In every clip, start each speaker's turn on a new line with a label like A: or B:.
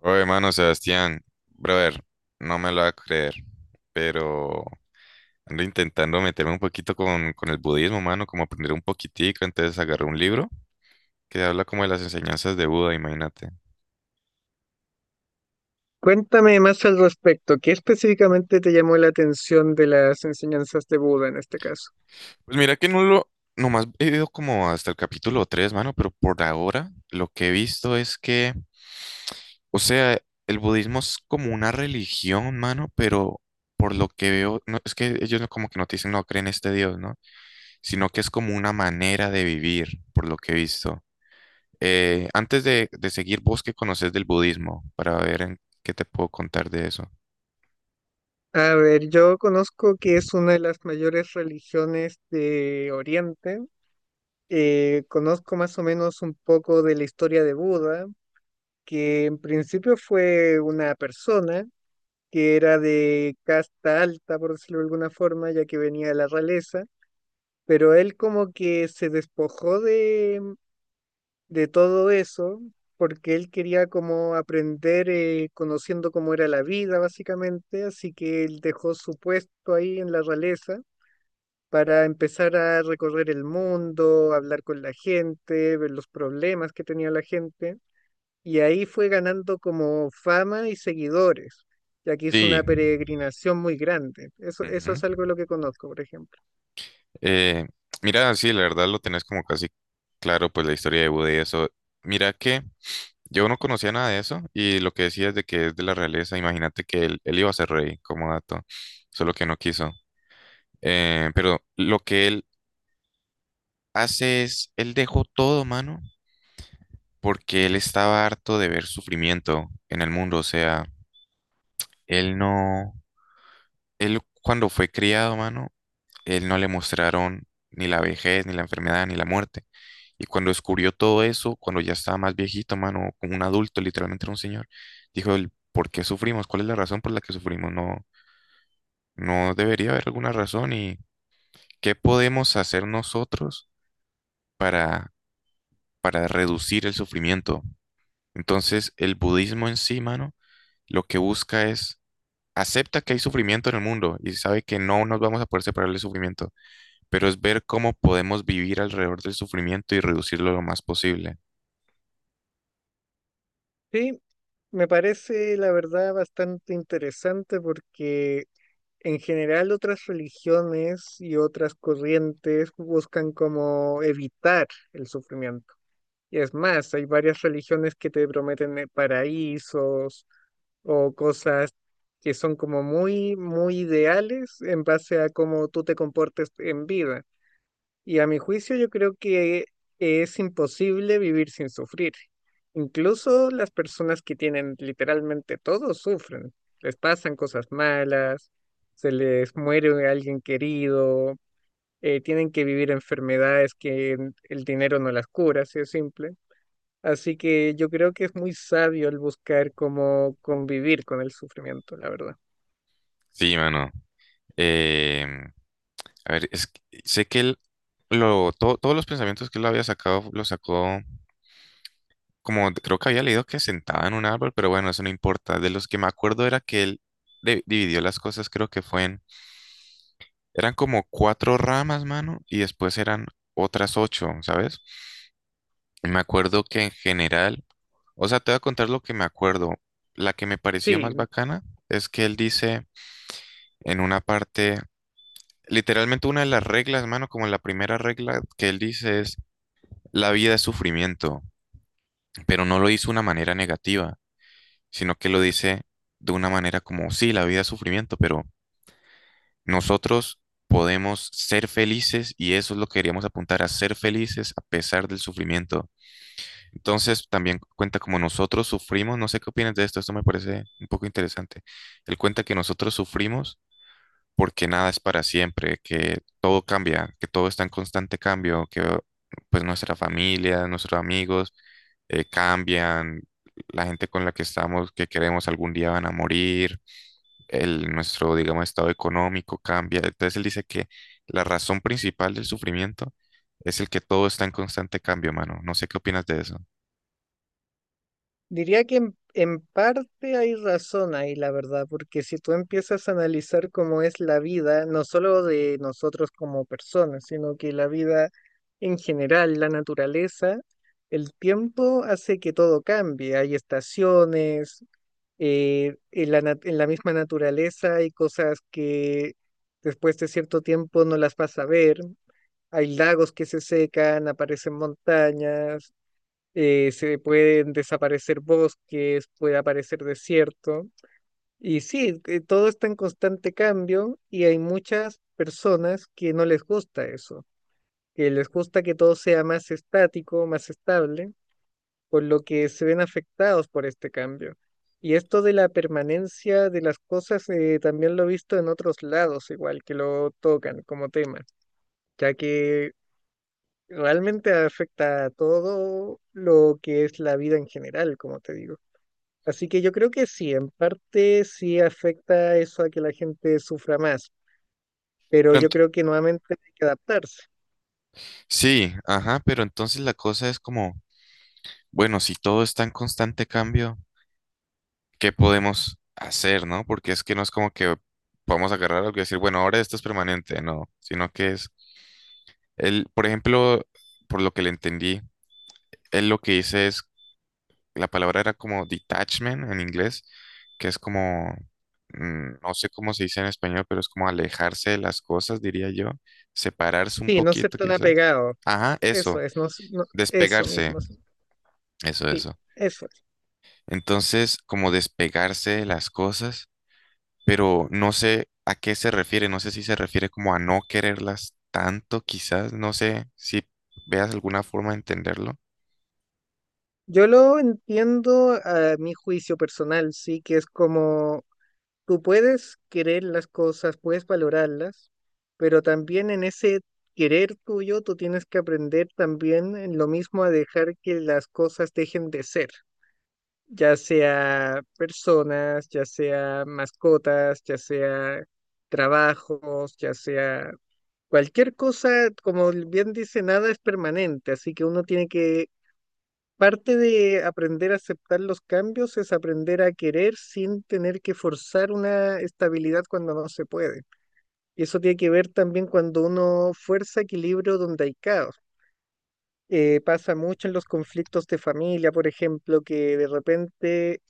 A: Oye, mano, Sebastián, brother, no me lo va a creer, pero ando intentando meterme un poquito con el budismo, mano, como aprender un poquitico, entonces agarré un libro que habla como de las enseñanzas de Buda, imagínate.
B: Cuéntame más al respecto. ¿Qué específicamente te llamó la atención de las enseñanzas de Buda en este caso?
A: Pues mira que no lo, nomás he ido como hasta el capítulo 3 mano, pero por ahora lo que he visto es que, o sea, el budismo es como una religión, mano, pero por lo que veo, no, es que ellos como que no te dicen, no creen en este Dios, ¿no? Sino que es como una manera de vivir, por lo que he visto. Antes de seguir, ¿vos qué conoces del budismo? Para ver en qué te puedo contar de eso.
B: A ver, yo conozco que es una de las mayores religiones de Oriente. Conozco más o menos un poco de la historia de Buda, que en principio fue una persona que era de casta alta, por decirlo de alguna forma, ya que venía de la realeza, pero él como que se despojó de todo eso, porque él quería como aprender conociendo cómo era la vida, básicamente, así que él dejó su puesto ahí en la realeza para empezar a recorrer el mundo, hablar con la gente, ver los problemas que tenía la gente, y ahí fue ganando como fama y seguidores, ya que hizo
A: Sí.
B: una peregrinación muy grande. Eso
A: Ujú.
B: es algo de lo que conozco, por ejemplo.
A: Eh, Mira, sí, la verdad lo tenés como casi claro, pues la historia de Buda y eso. Mira que yo no conocía nada de eso y lo que decías de que es de la realeza, imagínate que él iba a ser rey como dato, solo que no quiso. Pero lo que él hace es, él dejó todo, mano, porque él estaba harto de ver sufrimiento en el mundo, o sea, él no, él cuando fue criado, mano, él no le mostraron ni la vejez, ni la enfermedad, ni la muerte. Y cuando descubrió todo eso, cuando ya estaba más viejito, mano, como un adulto, literalmente era un señor, dijo, él, ¿por qué sufrimos? ¿Cuál es la razón por la que sufrimos? No, no debería haber alguna razón y ¿qué podemos hacer nosotros para, para reducir el sufrimiento? Entonces, el budismo en sí, mano, lo que busca es acepta que hay sufrimiento en el mundo y sabe que no nos vamos a poder separar del sufrimiento, pero es ver cómo podemos vivir alrededor del sufrimiento y reducirlo lo más posible.
B: Sí, me parece, la verdad, bastante interesante porque en general otras religiones y otras corrientes buscan como evitar el sufrimiento. Y es más, hay varias religiones que te prometen paraísos o cosas que son como muy, muy ideales en base a cómo tú te comportes en vida. Y a mi juicio yo creo que es imposible vivir sin sufrir. Incluso las personas que tienen literalmente todo sufren. Les pasan cosas malas, se les muere alguien querido, tienen que vivir enfermedades que el dinero no las cura, así de simple. Así que yo creo que es muy sabio el buscar cómo convivir con el sufrimiento, la verdad.
A: Sí, mano. Eh, a ver, sé que todos los pensamientos que él había sacado, los sacó como, creo que había leído que sentaba en un árbol, pero bueno, eso no importa. De los que me acuerdo era que él dividió las cosas, creo que fue eran como cuatro ramas, mano, y después eran otras ocho, ¿sabes? Me acuerdo que en general... O sea, te voy a contar lo que me acuerdo. La que me pareció
B: Sí,
A: más bacana es que él dice en una parte, literalmente una de las reglas, mano, como la primera regla que él dice es, la vida es sufrimiento, pero no lo hizo de una manera negativa, sino que lo dice de una manera como, sí, la vida es sufrimiento, pero nosotros podemos ser felices y eso es lo que queríamos apuntar, a ser felices a pesar del sufrimiento. Entonces también cuenta como nosotros sufrimos, no sé qué opinas de esto, esto me parece un poco interesante. Él cuenta que nosotros sufrimos porque nada es para siempre, que todo cambia, que todo está en constante cambio, que pues nuestra familia, nuestros amigos cambian, la gente con la que estamos, que queremos algún día van a morir, el, nuestro, digamos, estado económico cambia. Entonces él dice que la razón principal del sufrimiento es el que todo está en constante cambio, mano. No sé qué opinas de eso.
B: diría que en parte hay razón ahí, la verdad, porque si tú empiezas a analizar cómo es la vida, no solo de nosotros como personas, sino que la vida en general, la naturaleza, el tiempo hace que todo cambie. Hay estaciones, en la misma naturaleza hay cosas que después de cierto tiempo no las vas a ver. Hay lagos que se secan, aparecen montañas, se pueden desaparecer bosques, puede aparecer desierto. Y sí, que todo está en constante cambio y hay muchas personas que no les gusta eso, que les gusta que todo sea más estático, más estable, por lo que se ven afectados por este cambio. Y esto de la permanencia de las cosas también lo he visto en otros lados, igual que lo tocan como tema, ya que realmente afecta a todo lo que es la vida en general, como te digo. Así que yo creo que sí, en parte sí afecta eso a que la gente sufra más, pero
A: Pero
B: yo creo que nuevamente hay que adaptarse.
A: sí, ajá, pero entonces la cosa es como, bueno, si todo está en constante cambio, ¿qué podemos hacer, no? Porque es que no es como que vamos a agarrar algo y decir, bueno, ahora esto es permanente, no, sino que es, él, por ejemplo, por lo que le entendí, él lo que dice es, la palabra era como detachment en inglés, que es como, no sé cómo se dice en español, pero es como alejarse de las cosas, diría yo, separarse un
B: Sí, no ser
A: poquito
B: tan
A: quizás.
B: apegado.
A: Ajá,
B: Eso
A: eso,
B: es, eso
A: despegarse,
B: mismo. Sí,
A: eso,
B: sí,
A: eso.
B: eso es.
A: Entonces, como despegarse de las cosas, pero no sé a qué se refiere, no sé si se refiere como a no quererlas tanto, quizás, no sé si veas alguna forma de entenderlo.
B: Yo lo entiendo a mi juicio personal, sí, que es como tú puedes querer las cosas, puedes valorarlas, pero también en ese querer tuyo tú tienes que aprender también en lo mismo a dejar que las cosas dejen de ser, ya sea personas, ya sea mascotas, ya sea trabajos, ya sea cualquier cosa. Como bien dice, nada es permanente, así que uno tiene que, parte de aprender a aceptar los cambios es aprender a querer sin tener que forzar una estabilidad cuando no se puede. Y eso tiene que ver también cuando uno fuerza equilibrio donde hay caos. Pasa mucho en los conflictos de familia, por ejemplo, que de repente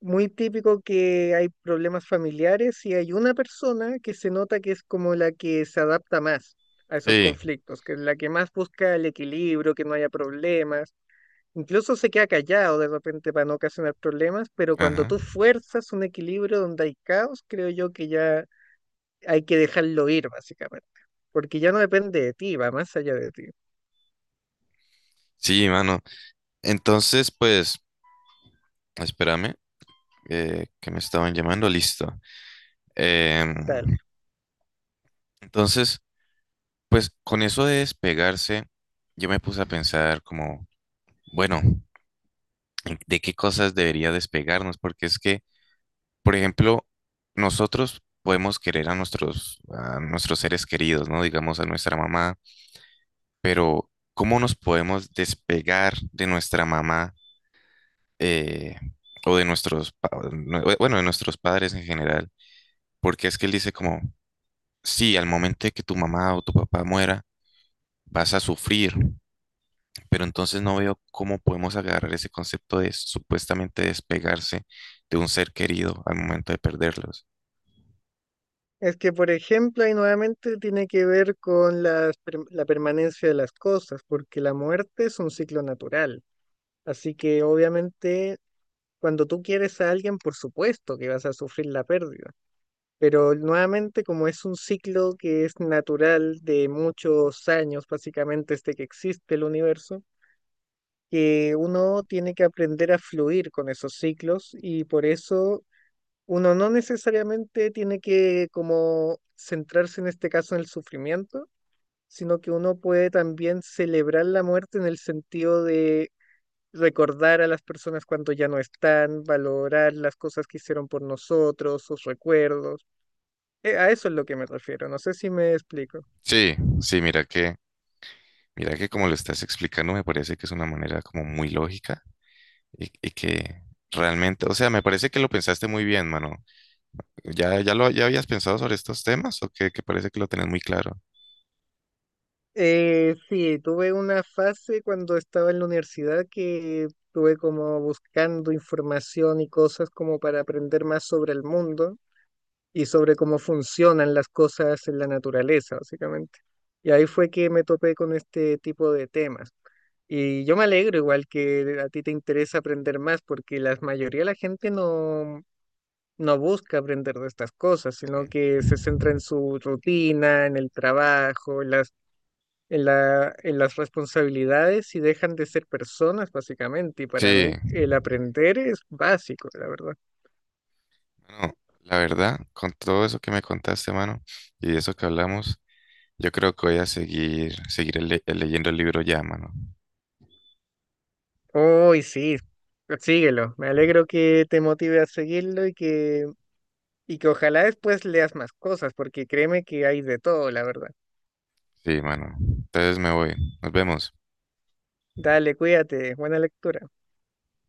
B: muy típico que hay problemas familiares y hay una persona que se nota que es como la que se adapta más a esos
A: Sí,
B: conflictos, que es la que más busca el equilibrio, que no haya problemas. Incluso se queda callado de repente para no ocasionar problemas, pero cuando
A: ajá.
B: tú fuerzas un equilibrio donde hay caos, creo yo que ya hay que dejarlo ir, básicamente, porque ya no depende de ti, va más allá de ti.
A: Sí, mano. Entonces, pues, espérame, que me estaban llamando, listo. Em, entonces, pues, con eso de despegarse, yo me puse a pensar como, bueno, ¿de qué cosas debería despegarnos? Porque es que por ejemplo, nosotros podemos querer a nuestros seres queridos, ¿no? Digamos a nuestra mamá, pero ¿cómo nos podemos despegar de nuestra mamá eh, o de nuestros, bueno, de nuestros padres en general? Porque es que él dice como, sí, al momento de que tu mamá o tu papá muera, vas a sufrir, pero entonces no veo cómo podemos agarrar ese concepto de supuestamente despegarse de un ser querido al momento de perderlos.
B: Es que, por ejemplo, ahí nuevamente tiene que ver con la permanencia de las cosas, porque la muerte es un ciclo natural. Así que, obviamente, cuando tú quieres a alguien, por supuesto que vas a sufrir la pérdida. Pero nuevamente, como es un ciclo que es natural de muchos años, básicamente desde que existe el universo, que uno tiene que aprender a fluir con esos ciclos y por eso uno no necesariamente tiene que como centrarse en este caso en el sufrimiento, sino que uno puede también celebrar la muerte en el sentido de recordar a las personas cuando ya no están, valorar las cosas que hicieron por nosotros, sus recuerdos. A eso es lo que me refiero, no sé si me explico.
A: Sí, sí, mira que... Mira que como lo estás explicando, me parece que es una manera como muy lógica y que realmente, o sea, me parece que lo pensaste muy bien, mano. ¿Ya habías pensado sobre estos temas o que parece que lo tenés muy claro?
B: Sí, tuve una fase cuando estaba en la universidad que estuve como buscando información y cosas como para aprender más sobre el mundo y sobre cómo funcionan las cosas en la naturaleza, básicamente. Y ahí fue que me topé con este tipo de temas. Y yo me alegro igual que a ti te interesa aprender más, porque la mayoría de la gente no, no busca aprender de estas cosas, sino
A: Ujú.
B: que se centra en su rutina, en el trabajo, en las responsabilidades y dejan de ser personas, básicamente. Y para
A: Sí,
B: mí el aprender es básico, la verdad.
A: bueno, la verdad, con todo eso que me contaste, mano, y eso que hablamos, yo creo que voy a seguir leyendo el libro ya, mano.
B: Uy, sí, síguelo. Me alegro que te motive a seguirlo y y que ojalá después leas más cosas, porque créeme que hay de todo, la verdad.
A: Sí, mano. Entonces me voy. Nos vemos.
B: Dale, cuídate, buena lectura.